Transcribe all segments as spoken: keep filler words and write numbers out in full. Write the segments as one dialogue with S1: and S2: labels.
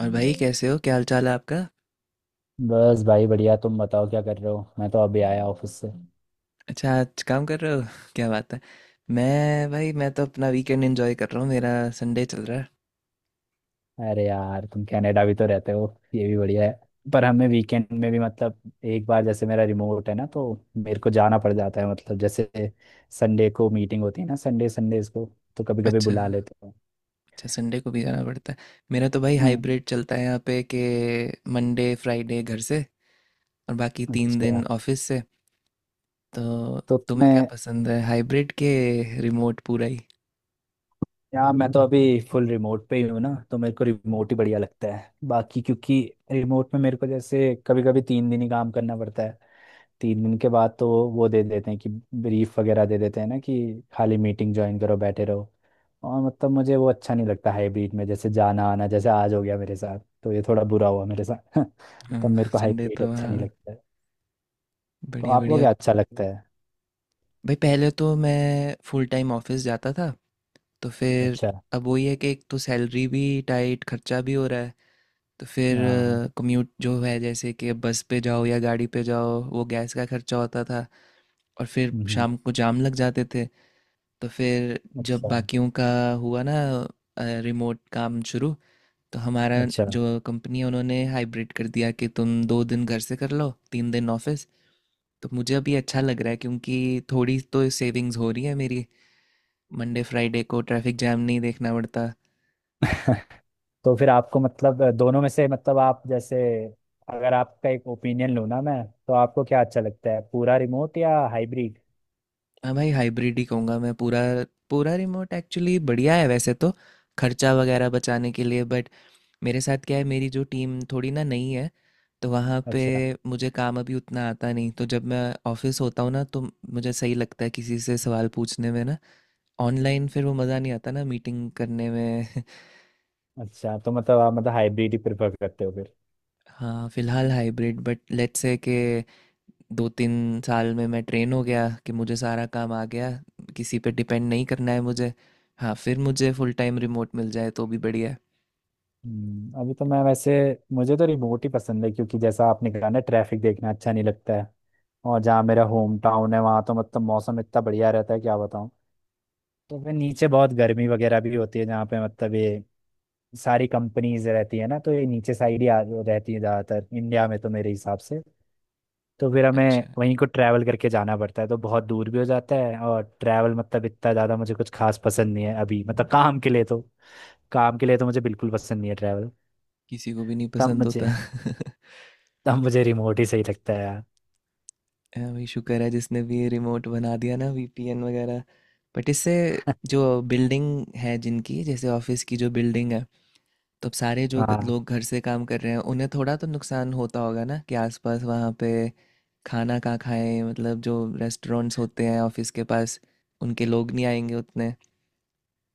S1: और भाई, कैसे हो? क्या हाल चाल है आपका?
S2: बस भाई बढ़िया। तुम बताओ क्या कर रहे हो? मैं तो अभी आया ऑफिस से।
S1: अच्छा, आज काम कर रहे हो क्या बात है। मैं भाई, मैं तो अपना वीकेंड एंजॉय कर रहा हूँ। मेरा संडे चल रहा है।
S2: अरे यार, तुम कनाडा भी तो रहते हो। ये भी बढ़िया है। पर हमें वीकेंड में भी मतलब एक बार जैसे मेरा रिमोट है ना, तो मेरे को जाना पड़ जाता है। मतलब जैसे संडे को मीटिंग होती है ना, संडे संडेज को, तो कभी कभी
S1: अच्छा।
S2: बुला लेते हो।
S1: अच्छा, संडे को भी जाना पड़ता है। मेरा तो भाई
S2: हम्म,
S1: हाइब्रिड चलता है यहाँ पे, कि मंडे फ्राइडे घर से और बाकी तीन दिन
S2: अच्छा।
S1: ऑफिस से। तो
S2: तो
S1: तुम्हें
S2: मैं
S1: क्या पसंद है, हाइब्रिड के रिमोट पूरा ही?
S2: यार, मैं तो अभी फुल रिमोट पे ही हूँ ना, तो मेरे को रिमोट ही बढ़िया लगता है। बाकी क्योंकि रिमोट में मेरे को जैसे कभी कभी तीन दिन ही काम करना पड़ता है। तीन दिन के बाद तो वो दे देते हैं कि ब्रीफ वगैरह दे देते हैं ना, कि खाली मीटिंग ज्वाइन करो, बैठे रहो। और मतलब मुझे वो अच्छा नहीं लगता हाइब्रिड में, जैसे जाना आना, जैसे आज हो गया मेरे साथ। तो ये थोड़ा बुरा हुआ मेरे साथ तब मेरे
S1: हाँ,
S2: को
S1: संडे
S2: हाइब्रिड
S1: तो
S2: अच्छा नहीं
S1: हाँ।
S2: लगता है। तो
S1: बढ़िया
S2: आपको
S1: बढ़िया।
S2: क्या अच्छा लगता है?
S1: भाई पहले तो मैं फुल टाइम ऑफिस जाता था। तो फिर
S2: अच्छा।
S1: अब वही है कि एक तो सैलरी भी टाइट, खर्चा भी हो रहा है। तो फिर
S2: हाँ।
S1: कम्यूट जो है, जैसे कि बस पे जाओ या गाड़ी पे जाओ, वो गैस का खर्चा होता था। और फिर
S2: हम्म,
S1: शाम को जाम लग जाते थे। तो फिर जब
S2: अच्छा,
S1: बाकियों का हुआ ना रिमोट काम शुरू, तो हमारा
S2: अच्छा
S1: जो कंपनी है उन्होंने हाइब्रिड कर दिया कि तुम दो दिन घर से कर लो, तीन दिन ऑफिस। तो मुझे अभी अच्छा लग रहा है, क्योंकि थोड़ी तो सेविंग्स हो रही है मेरी। मंडे फ्राइडे को ट्रैफिक जैम नहीं देखना पड़ता।
S2: तो फिर आपको मतलब अ, दोनों में से, मतलब आप जैसे अगर आपका एक ओपिनियन लूँ ना मैं, तो आपको क्या अच्छा लगता है, पूरा रिमोट या हाइब्रिड?
S1: हाँ भाई, हाइब्रिड ही कहूँगा मैं पूरा। पूरा रिमोट एक्चुअली बढ़िया है वैसे तो, खर्चा वगैरह बचाने के लिए, बट मेरे साथ क्या है, मेरी जो टीम थोड़ी ना नई है। तो वहाँ पे
S2: अच्छा।
S1: मुझे काम अभी उतना आता नहीं, तो जब मैं ऑफिस होता हूँ ना, तो मुझे सही लगता है किसी से सवाल पूछने में ना। ऑनलाइन फिर वो मज़ा नहीं आता ना मीटिंग करने में
S2: अच्छा तो मतलब आप मतलब हाइब्रिड ही प्रेफर करते हो फिर?
S1: हाँ फिलहाल हाइब्रिड, बट लेट्स से के दो तीन साल में मैं ट्रेन हो गया कि मुझे सारा काम आ गया, किसी पे डिपेंड नहीं करना है मुझे, हाँ फिर मुझे फुल टाइम रिमोट मिल जाए तो भी बढ़िया है।
S2: हम्म, अभी तो मैं वैसे, मुझे तो रिमोट ही पसंद है, क्योंकि जैसा आपने कहा ना, ट्रैफिक देखना अच्छा नहीं लगता है। और जहाँ मेरा होम टाउन है वहाँ तो मतलब मौसम इतना बढ़िया रहता है, क्या बताऊँ। तो फिर नीचे बहुत गर्मी वगैरह भी होती है जहाँ पे मतलब ये सारी कंपनीज रहती है ना, तो ये नीचे साइड ही आ- रहती है ज़्यादातर इंडिया में, तो मेरे हिसाब से। तो फिर हमें
S1: अच्छा।
S2: वहीं को ट्रैवल करके जाना पड़ता है, तो बहुत दूर भी हो जाता है, और ट्रैवल मतलब इतना ज़्यादा मुझे कुछ खास पसंद नहीं है अभी मतलब काम के लिए तो काम के लिए तो मुझे बिल्कुल पसंद नहीं है ट्रैवल।
S1: किसी को भी नहीं
S2: तब
S1: पसंद होता
S2: मुझे तब मुझे रिमोट ही सही लगता है यार।
S1: हाँ, भाई शुक्र है जिसने भी ये रिमोट बना दिया ना, वीपीएन वगैरह। बट इससे जो बिल्डिंग है जिनकी, जैसे ऑफिस की जो बिल्डिंग है, तो अब सारे जो ग-
S2: हाँ,
S1: लोग घर से काम कर रहे हैं उन्हें थोड़ा तो नुकसान होता होगा ना कि आसपास वहाँ पे खाना कहाँ खाएं, मतलब जो रेस्टोरेंट्स होते हैं ऑफिस के पास, उनके लोग नहीं आएंगे उतने।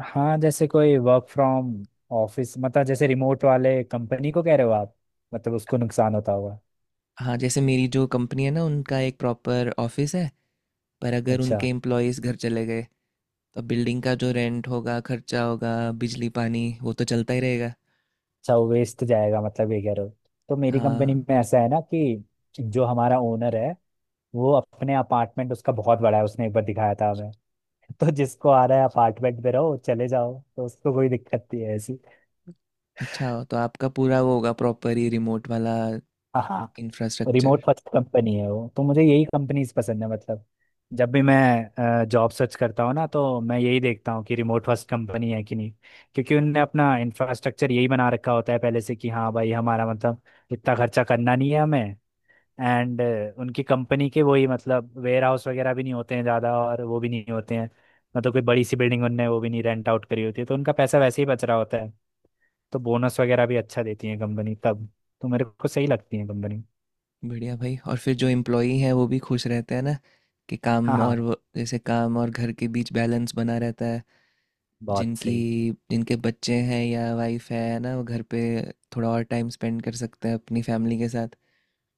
S2: हाँ, जैसे कोई वर्क फ्रॉम ऑफिस, मतलब जैसे रिमोट वाले कंपनी को कह रहे हो आप, मतलब उसको नुकसान होता होगा।
S1: हाँ जैसे मेरी जो कंपनी है ना, उनका एक प्रॉपर ऑफिस है। पर अगर
S2: अच्छा,
S1: उनके एम्प्लॉयज़ घर चले गए, तो बिल्डिंग का जो रेंट होगा, खर्चा होगा, बिजली पानी वो तो चलता ही रहेगा।
S2: अच्छा, वेस्ट जाएगा, मतलब ये कह रहे हो। तो मेरी
S1: हाँ।
S2: कंपनी में ऐसा है ना, कि जो हमारा ओनर है, वो अपने अपार्टमेंट उसका बहुत बड़ा है, उसने एक बार दिखाया था हमें तो जिसको आ रहा है अपार्टमेंट पे रहो चले जाओ, तो उसको कोई दिक्कत नहीं है ऐसी।
S1: अच्छा, तो आपका पूरा वो होगा प्रॉपर ही रिमोट वाला?
S2: हाँ, हाँ,
S1: इंफ्रास्ट्रक्चर।
S2: रिमोट फर्स्ट कंपनी है वो, तो मुझे यही कंपनीज पसंद है मतलब। जब भी मैं जॉब सर्च करता हूँ ना, तो मैं यही देखता हूँ कि रिमोट फर्स्ट कंपनी है कि नहीं। क्योंकि उनने अपना इंफ्रास्ट्रक्चर यही बना रखा होता है पहले से, कि हाँ भाई, हमारा मतलब इतना खर्चा करना नहीं है हमें। एंड उनकी कंपनी के वही, मतलब वेयर हाउस वगैरह भी नहीं होते हैं ज़्यादा, और वो भी नहीं होते हैं मतलब कोई बड़ी सी बिल्डिंग उनने, वो भी नहीं रेंट आउट करी होती है, तो उनका पैसा वैसे ही बच रहा होता है। तो बोनस वगैरह भी अच्छा देती है कंपनी तब, तो मेरे को सही लगती है कंपनी।
S1: बढ़िया भाई, और फिर जो एम्प्लॉई हैं वो भी खुश रहते हैं ना, कि
S2: हाँ,
S1: काम और
S2: हाँ,
S1: वो, जैसे काम और घर के बीच बैलेंस बना रहता है।
S2: बहुत
S1: जिनकी
S2: सही।
S1: जिनके बच्चे हैं या वाइफ है ना, वो घर पे थोड़ा और टाइम स्पेंड कर सकते हैं अपनी फैमिली के साथ।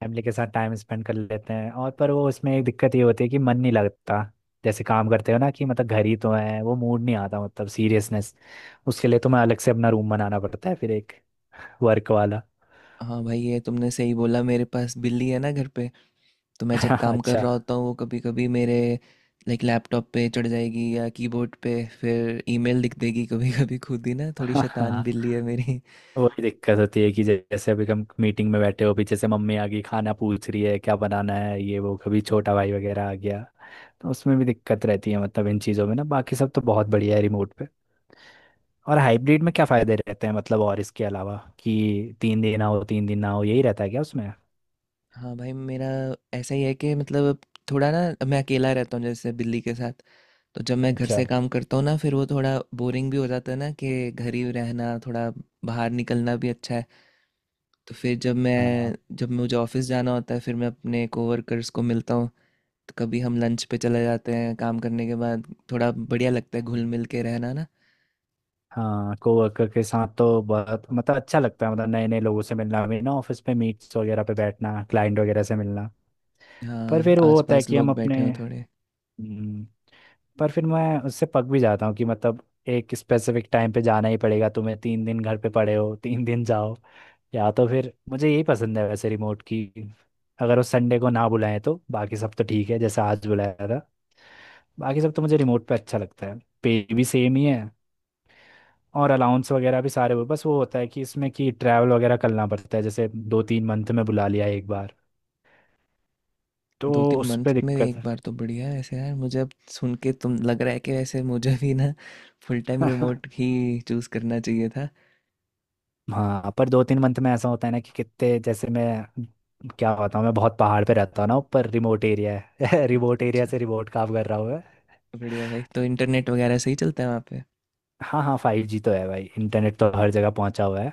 S2: फैमिली के साथ टाइम स्पेंड कर लेते हैं, और पर वो उसमें एक दिक्कत ये होती है कि मन नहीं लगता। जैसे काम करते हो ना, कि मतलब घर ही तो है, वो मूड नहीं आता, मतलब सीरियसनेस। उसके लिए तो मैं अलग से अपना रूम बनाना पड़ता है फिर, एक वर्क वाला।
S1: हाँ भाई ये तुमने सही बोला, मेरे पास बिल्ली है ना घर पे। तो मैं जब काम कर
S2: अच्छा।
S1: रहा होता हूँ, वो कभी कभी मेरे लाइक लैपटॉप पे चढ़ जाएगी या कीबोर्ड पे, फिर ईमेल लिख देगी कभी कभी खुद ही ना, थोड़ी शैतान
S2: हाँ,
S1: बिल्ली है मेरी।
S2: वही दिक्कत होती है, कि जैसे अभी हम मीटिंग में बैठे हो, पीछे से मम्मी आ गई, खाना पूछ रही है क्या बनाना है, ये वो, कभी छोटा भाई वगैरह आ गया। तो उसमें भी दिक्कत रहती है, मतलब इन चीज़ों में ना, बाकी सब तो बहुत बढ़िया है रिमोट। और हाइब्रिड में क्या फायदे रहते हैं मतलब, और इसके अलावा कि तीन दिन आओ तीन दिन ना हो, यही रहता है क्या उसमें?
S1: हाँ भाई मेरा ऐसा ही है, कि मतलब अब थोड़ा ना मैं अकेला रहता हूँ जैसे, बिल्ली के साथ। तो जब मैं घर
S2: अच्छा।
S1: से काम करता हूँ ना, फिर वो थोड़ा बोरिंग भी हो जाता है ना कि घर ही रहना, थोड़ा बाहर निकलना भी अच्छा है। तो फिर जब
S2: हाँ,
S1: मैं जब मुझे ऑफिस जाना होता है, फिर मैं अपने कोवर्कर्स को मिलता हूँ, तो कभी हम लंच पे चले जाते हैं काम करने के बाद। थोड़ा बढ़िया लगता है घुल मिल के रहना ना।
S2: हाँ, कोवर्कर के साथ तो बहुत मतलब अच्छा लगता है, मतलब नए नए लोगों से मिलना मिलना ऑफिस पे, मीट्स वगैरह पे बैठना, क्लाइंट वगैरह से मिलना। पर
S1: हाँ,
S2: फिर वो होता है
S1: आसपास
S2: कि हम
S1: लोग बैठे
S2: अपने
S1: हों थोड़े।
S2: हम्म, पर फिर मैं उससे पक भी जाता हूँ, कि मतलब एक स्पेसिफिक टाइम पे जाना ही पड़ेगा तुम्हें, तीन दिन घर पे पड़े हो तीन दिन जाओ। या तो फिर मुझे यही पसंद है वैसे रिमोट की, अगर वो संडे को ना बुलाएं तो बाकी सब तो ठीक है, जैसे आज बुलाया था, बाकी सब तो मुझे रिमोट पे अच्छा लगता है। पे भी सेम ही है, और अलाउंस वगैरह भी सारे वो, बस वो होता है कि इसमें कि ट्रैवल वगैरह करना पड़ता है, जैसे दो तीन मंथ में बुला लिया एक बार, तो
S1: दो तीन
S2: उस
S1: मंथ
S2: पर
S1: में
S2: दिक्कत
S1: एक बार तो बढ़िया है ऐसे। यार मुझे अब सुन के तुम, लग रहा है कि वैसे मुझे भी ना फुल टाइम
S2: है
S1: रिमोट ही चूज़ करना चाहिए था।
S2: हाँ, पर दो तीन मंथ में ऐसा होता है ना कि कितने, जैसे मैं क्या होता हूँ, मैं बहुत पहाड़ पे रहता हूँ ना, ऊपर रिमोट एरिया है रिमोट
S1: अच्छा
S2: एरिया
S1: अच्छा।
S2: से रिमोट काम कर रहा हूँ मैं।
S1: बढ़िया भाई, तो इंटरनेट वगैरह सही चलता है वहाँ पे?
S2: हाँ, हाँ, फाइव जी तो है भाई, इंटरनेट तो हर जगह पहुंचा हुआ है।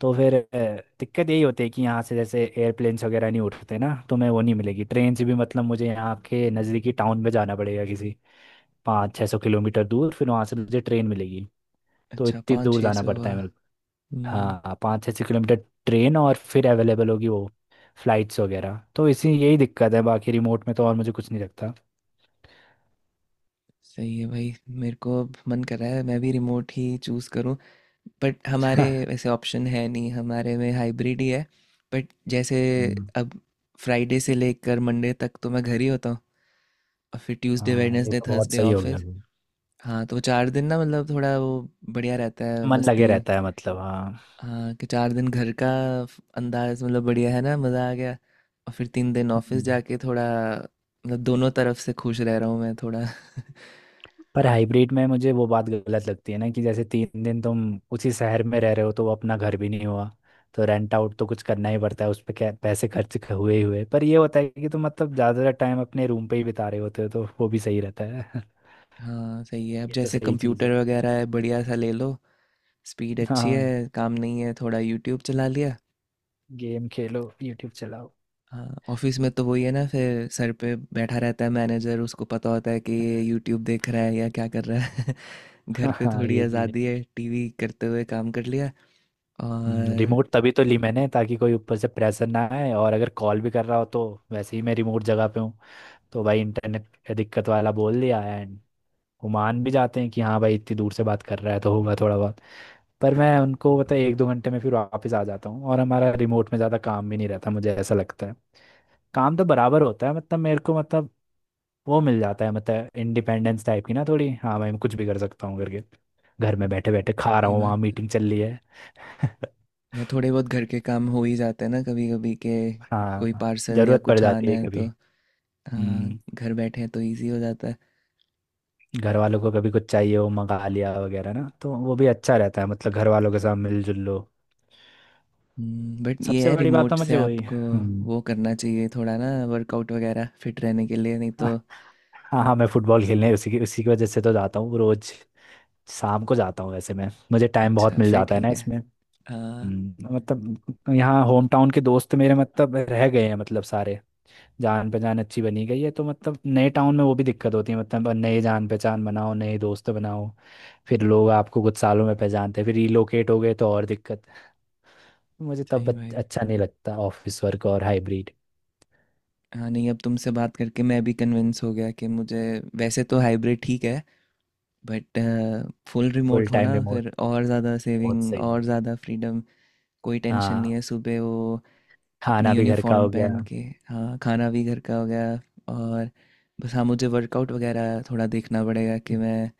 S2: तो फिर अ, दिक्कत यही होती है कि यहाँ से जैसे एयरप्लेन्स वगैरह नहीं उठते ना, तो मैं वो नहीं मिलेगी, ट्रेन से भी मतलब मुझे यहाँ के नज़दीकी टाउन में जाना पड़ेगा किसी, पाँच छः सौ किलोमीटर दूर, फिर वहाँ से मुझे ट्रेन मिलेगी। तो
S1: अच्छा,
S2: इतनी
S1: पाँच
S2: दूर
S1: छः
S2: जाना
S1: सौ
S2: पड़ता
S1: हुआ?
S2: है मेरे।
S1: हम्म।
S2: हाँ, पाँच से छः किलोमीटर ट्रेन, और फिर अवेलेबल होगी वो, फ्लाइट्स वगैरह। तो इसी यही दिक्कत है बाकी रिमोट में, तो और मुझे कुछ नहीं लगता
S1: सही है भाई, मेरे को अब मन कर रहा है मैं भी रिमोट ही चूज़ करूँ। बट हमारे वैसे ऑप्शन है नहीं, हमारे में हाइब्रिड ही है। बट जैसे
S2: हम्म,
S1: अब फ्राइडे से लेकर मंडे तक तो मैं घर ही होता हूँ, और फिर ट्यूसडे
S2: हाँ, ये
S1: वेडनेसडे
S2: तो बहुत
S1: थर्सडे
S2: सही हो गया
S1: ऑफिस।
S2: भाई।
S1: हाँ तो चार दिन ना मतलब थोड़ा वो बढ़िया रहता है,
S2: मन लगे
S1: मस्ती।
S2: रहता है मतलब, हाँ।
S1: हाँ कि चार दिन घर का फ- अंदाज, मतलब बढ़िया है ना, मज़ा आ गया। और फिर तीन दिन ऑफिस
S2: हम्म।
S1: जाके थोड़ा, मतलब दोनों तरफ से खुश रह रहा हूँ मैं थोड़ा।
S2: पर हाइब्रिड में मुझे वो बात गलत लगती है ना, कि जैसे तीन दिन तुम उसी शहर में रह रहे हो, तो वो अपना घर भी नहीं हुआ। तो रेंट आउट तो कुछ करना ही पड़ता है उस पे, क्या पैसे खर्च क- हुए ही हुए। पर ये होता है कि तुम मतलब ज़्यादातर टाइम अपने रूम पे ही बिता रहे होते हो, तो वो भी सही रहता है।
S1: हाँ सही है, अब
S2: ये तो
S1: जैसे
S2: सही चीज़
S1: कंप्यूटर
S2: है।
S1: वगैरह है बढ़िया सा ले लो, स्पीड अच्छी
S2: हाँ,
S1: है, काम नहीं है थोड़ा यूट्यूब चला लिया।
S2: गेम खेलो, यूट्यूब चलाओ
S1: हाँ, ऑफिस में तो वही है ना, फिर सर पे बैठा रहता है मैनेजर, उसको पता होता है कि ये यूट्यूब देख रहा है या क्या कर रहा है घर पे
S2: हाँ,
S1: थोड़ी
S2: ये भी है।
S1: आज़ादी है, टीवी करते हुए काम कर लिया।
S2: हम्म,
S1: और
S2: रिमोट तभी तो ली मैंने, ताकि कोई ऊपर से प्रेशर ना आए, और अगर कॉल भी कर रहा हो तो वैसे ही मैं रिमोट जगह पे हूँ, तो भाई इंटरनेट का दिक्कत वाला बोल दिया। एंड वो मान भी जाते हैं कि हाँ भाई, इतनी दूर से बात कर रहा है तो होगा थोड़ा बहुत। पर मैं उनको पता है, एक दो घंटे में फिर वापस आ जाता हूँ, और हमारा रिमोट में ज़्यादा काम भी नहीं रहता, मुझे ऐसा लगता है। काम तो बराबर होता है मतलब मेरे को, मतलब वो मिल जाता है मतलब इंडिपेंडेंस टाइप की ना थोड़ी, हाँ भाई मैं कुछ भी कर सकता हूँ करके। घर में बैठे बैठे खा रहा
S1: सही
S2: हूँ,
S1: बात
S2: वहाँ
S1: है।
S2: मीटिंग चल रही है
S1: या थोड़े बहुत घर के काम हो ही जाते हैं ना कभी कभी के, कोई
S2: हाँ,
S1: पार्सल या
S2: जरूरत पड़
S1: कुछ आना
S2: जाती है
S1: है
S2: कभी।
S1: तो। हाँ
S2: हम्म।
S1: घर बैठे हैं तो इजी हो जाता है।
S2: घर वालों को कभी कुछ चाहिए हो, मंगा लिया वगैरह ना, तो वो भी अच्छा रहता है मतलब घर वालों के साथ मिलजुल लो।
S1: बट ये
S2: सबसे
S1: है,
S2: बड़ी बात तो
S1: रिमोट से
S2: मुझे वही,
S1: आपको
S2: हम्म।
S1: वो करना चाहिए थोड़ा ना, वर्कआउट वगैरह, फिट रहने के लिए, नहीं तो।
S2: हाँ, हाँ, मैं फुटबॉल खेलने उसी की उसी की वजह से तो जाता हूँ रोज शाम को जाता हूँ वैसे मैं, मुझे टाइम बहुत
S1: अच्छा
S2: मिल
S1: फिर
S2: जाता है ना
S1: ठीक है।
S2: इसमें।
S1: हाँ
S2: हम्म, मतलब यहाँ होम टाउन के दोस्त मेरे मतलब रह गए हैं मतलब सारे, जान पहचान अच्छी बनी गई है। तो मतलब नए टाउन में वो भी दिक्कत होती है, मतलब नए जान पहचान बनाओ, नए दोस्त बनाओ, फिर लोग आपको कुछ सालों में पहचानते हैं, फिर रिलोकेट हो गए तो और दिक्कत है। मुझे तब
S1: सही
S2: अच्छ-
S1: भाई।
S2: अच्छा नहीं लगता ऑफिस वर्क और हाइब्रिड।
S1: हाँ नहीं, अब तुमसे बात करके मैं भी कन्विंस हो गया कि मुझे, वैसे तो हाइब्रिड ठीक है, बट फुल
S2: फुल
S1: रिमोट हो
S2: टाइम
S1: ना,
S2: रिमोट
S1: फिर और ज़्यादा
S2: बहुत
S1: सेविंग
S2: सही है।
S1: और ज़्यादा फ्रीडम। कोई टेंशन
S2: हाँ,
S1: नहीं है सुबह वो अपनी
S2: खाना भी घर का
S1: यूनिफॉर्म
S2: हो गया।
S1: पहन के। हाँ, खाना भी घर का हो गया। और बस, हाँ मुझे वर्कआउट वगैरह थोड़ा देखना पड़ेगा कि मैं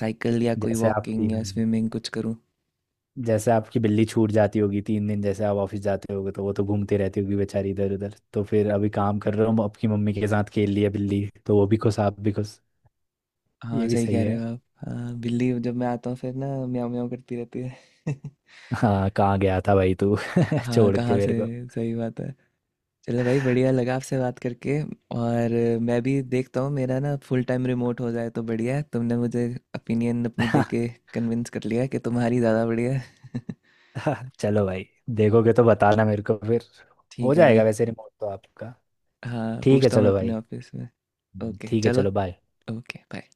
S1: साइकिल या कोई
S2: जैसे आपकी,
S1: वॉकिंग या
S2: हाँ,
S1: स्विमिंग कुछ करूँ।
S2: जैसे आपकी बिल्ली छूट जाती होगी तीन दिन, जैसे आप ऑफिस जाते होगे तो वो तो घूमती रहती होगी बेचारी इधर उधर, तो फिर अभी काम कर रहा हूँ, आपकी मम्मी के साथ खेल लिया बिल्ली, तो वो भी खुश, आप भी खुश।
S1: हाँ
S2: ये भी
S1: सही
S2: सही
S1: कह रहे
S2: है।
S1: हो आप। हाँ, बिल्ली जब मैं आता हूँ फिर ना, म्याऊं म्याऊं करती रहती है
S2: हाँ, कहाँ गया था भाई तू
S1: हाँ,
S2: छोड़ के
S1: कहाँ से?
S2: मेरे को।
S1: सही बात है। चलो भाई, बढ़िया लगा आपसे बात करके। और मैं भी देखता हूँ, मेरा ना फुल टाइम रिमोट हो जाए तो बढ़िया है, तुमने मुझे ओपिनियन अपनी दे के कन्विंस कर लिया कि तुम्हारी ज़्यादा बढ़िया है
S2: चलो भाई, देखोगे तो बताना मेरे को फिर। हो
S1: ठीक है भाई।
S2: जाएगा वैसे रिमोट तो आपका।
S1: हाँ
S2: ठीक है
S1: पूछता हूँ मैं
S2: चलो
S1: अपने
S2: भाई।
S1: ऑफिस में।
S2: हम्म,
S1: ओके
S2: ठीक है,
S1: चलो।
S2: चलो बाय।
S1: Okay bye.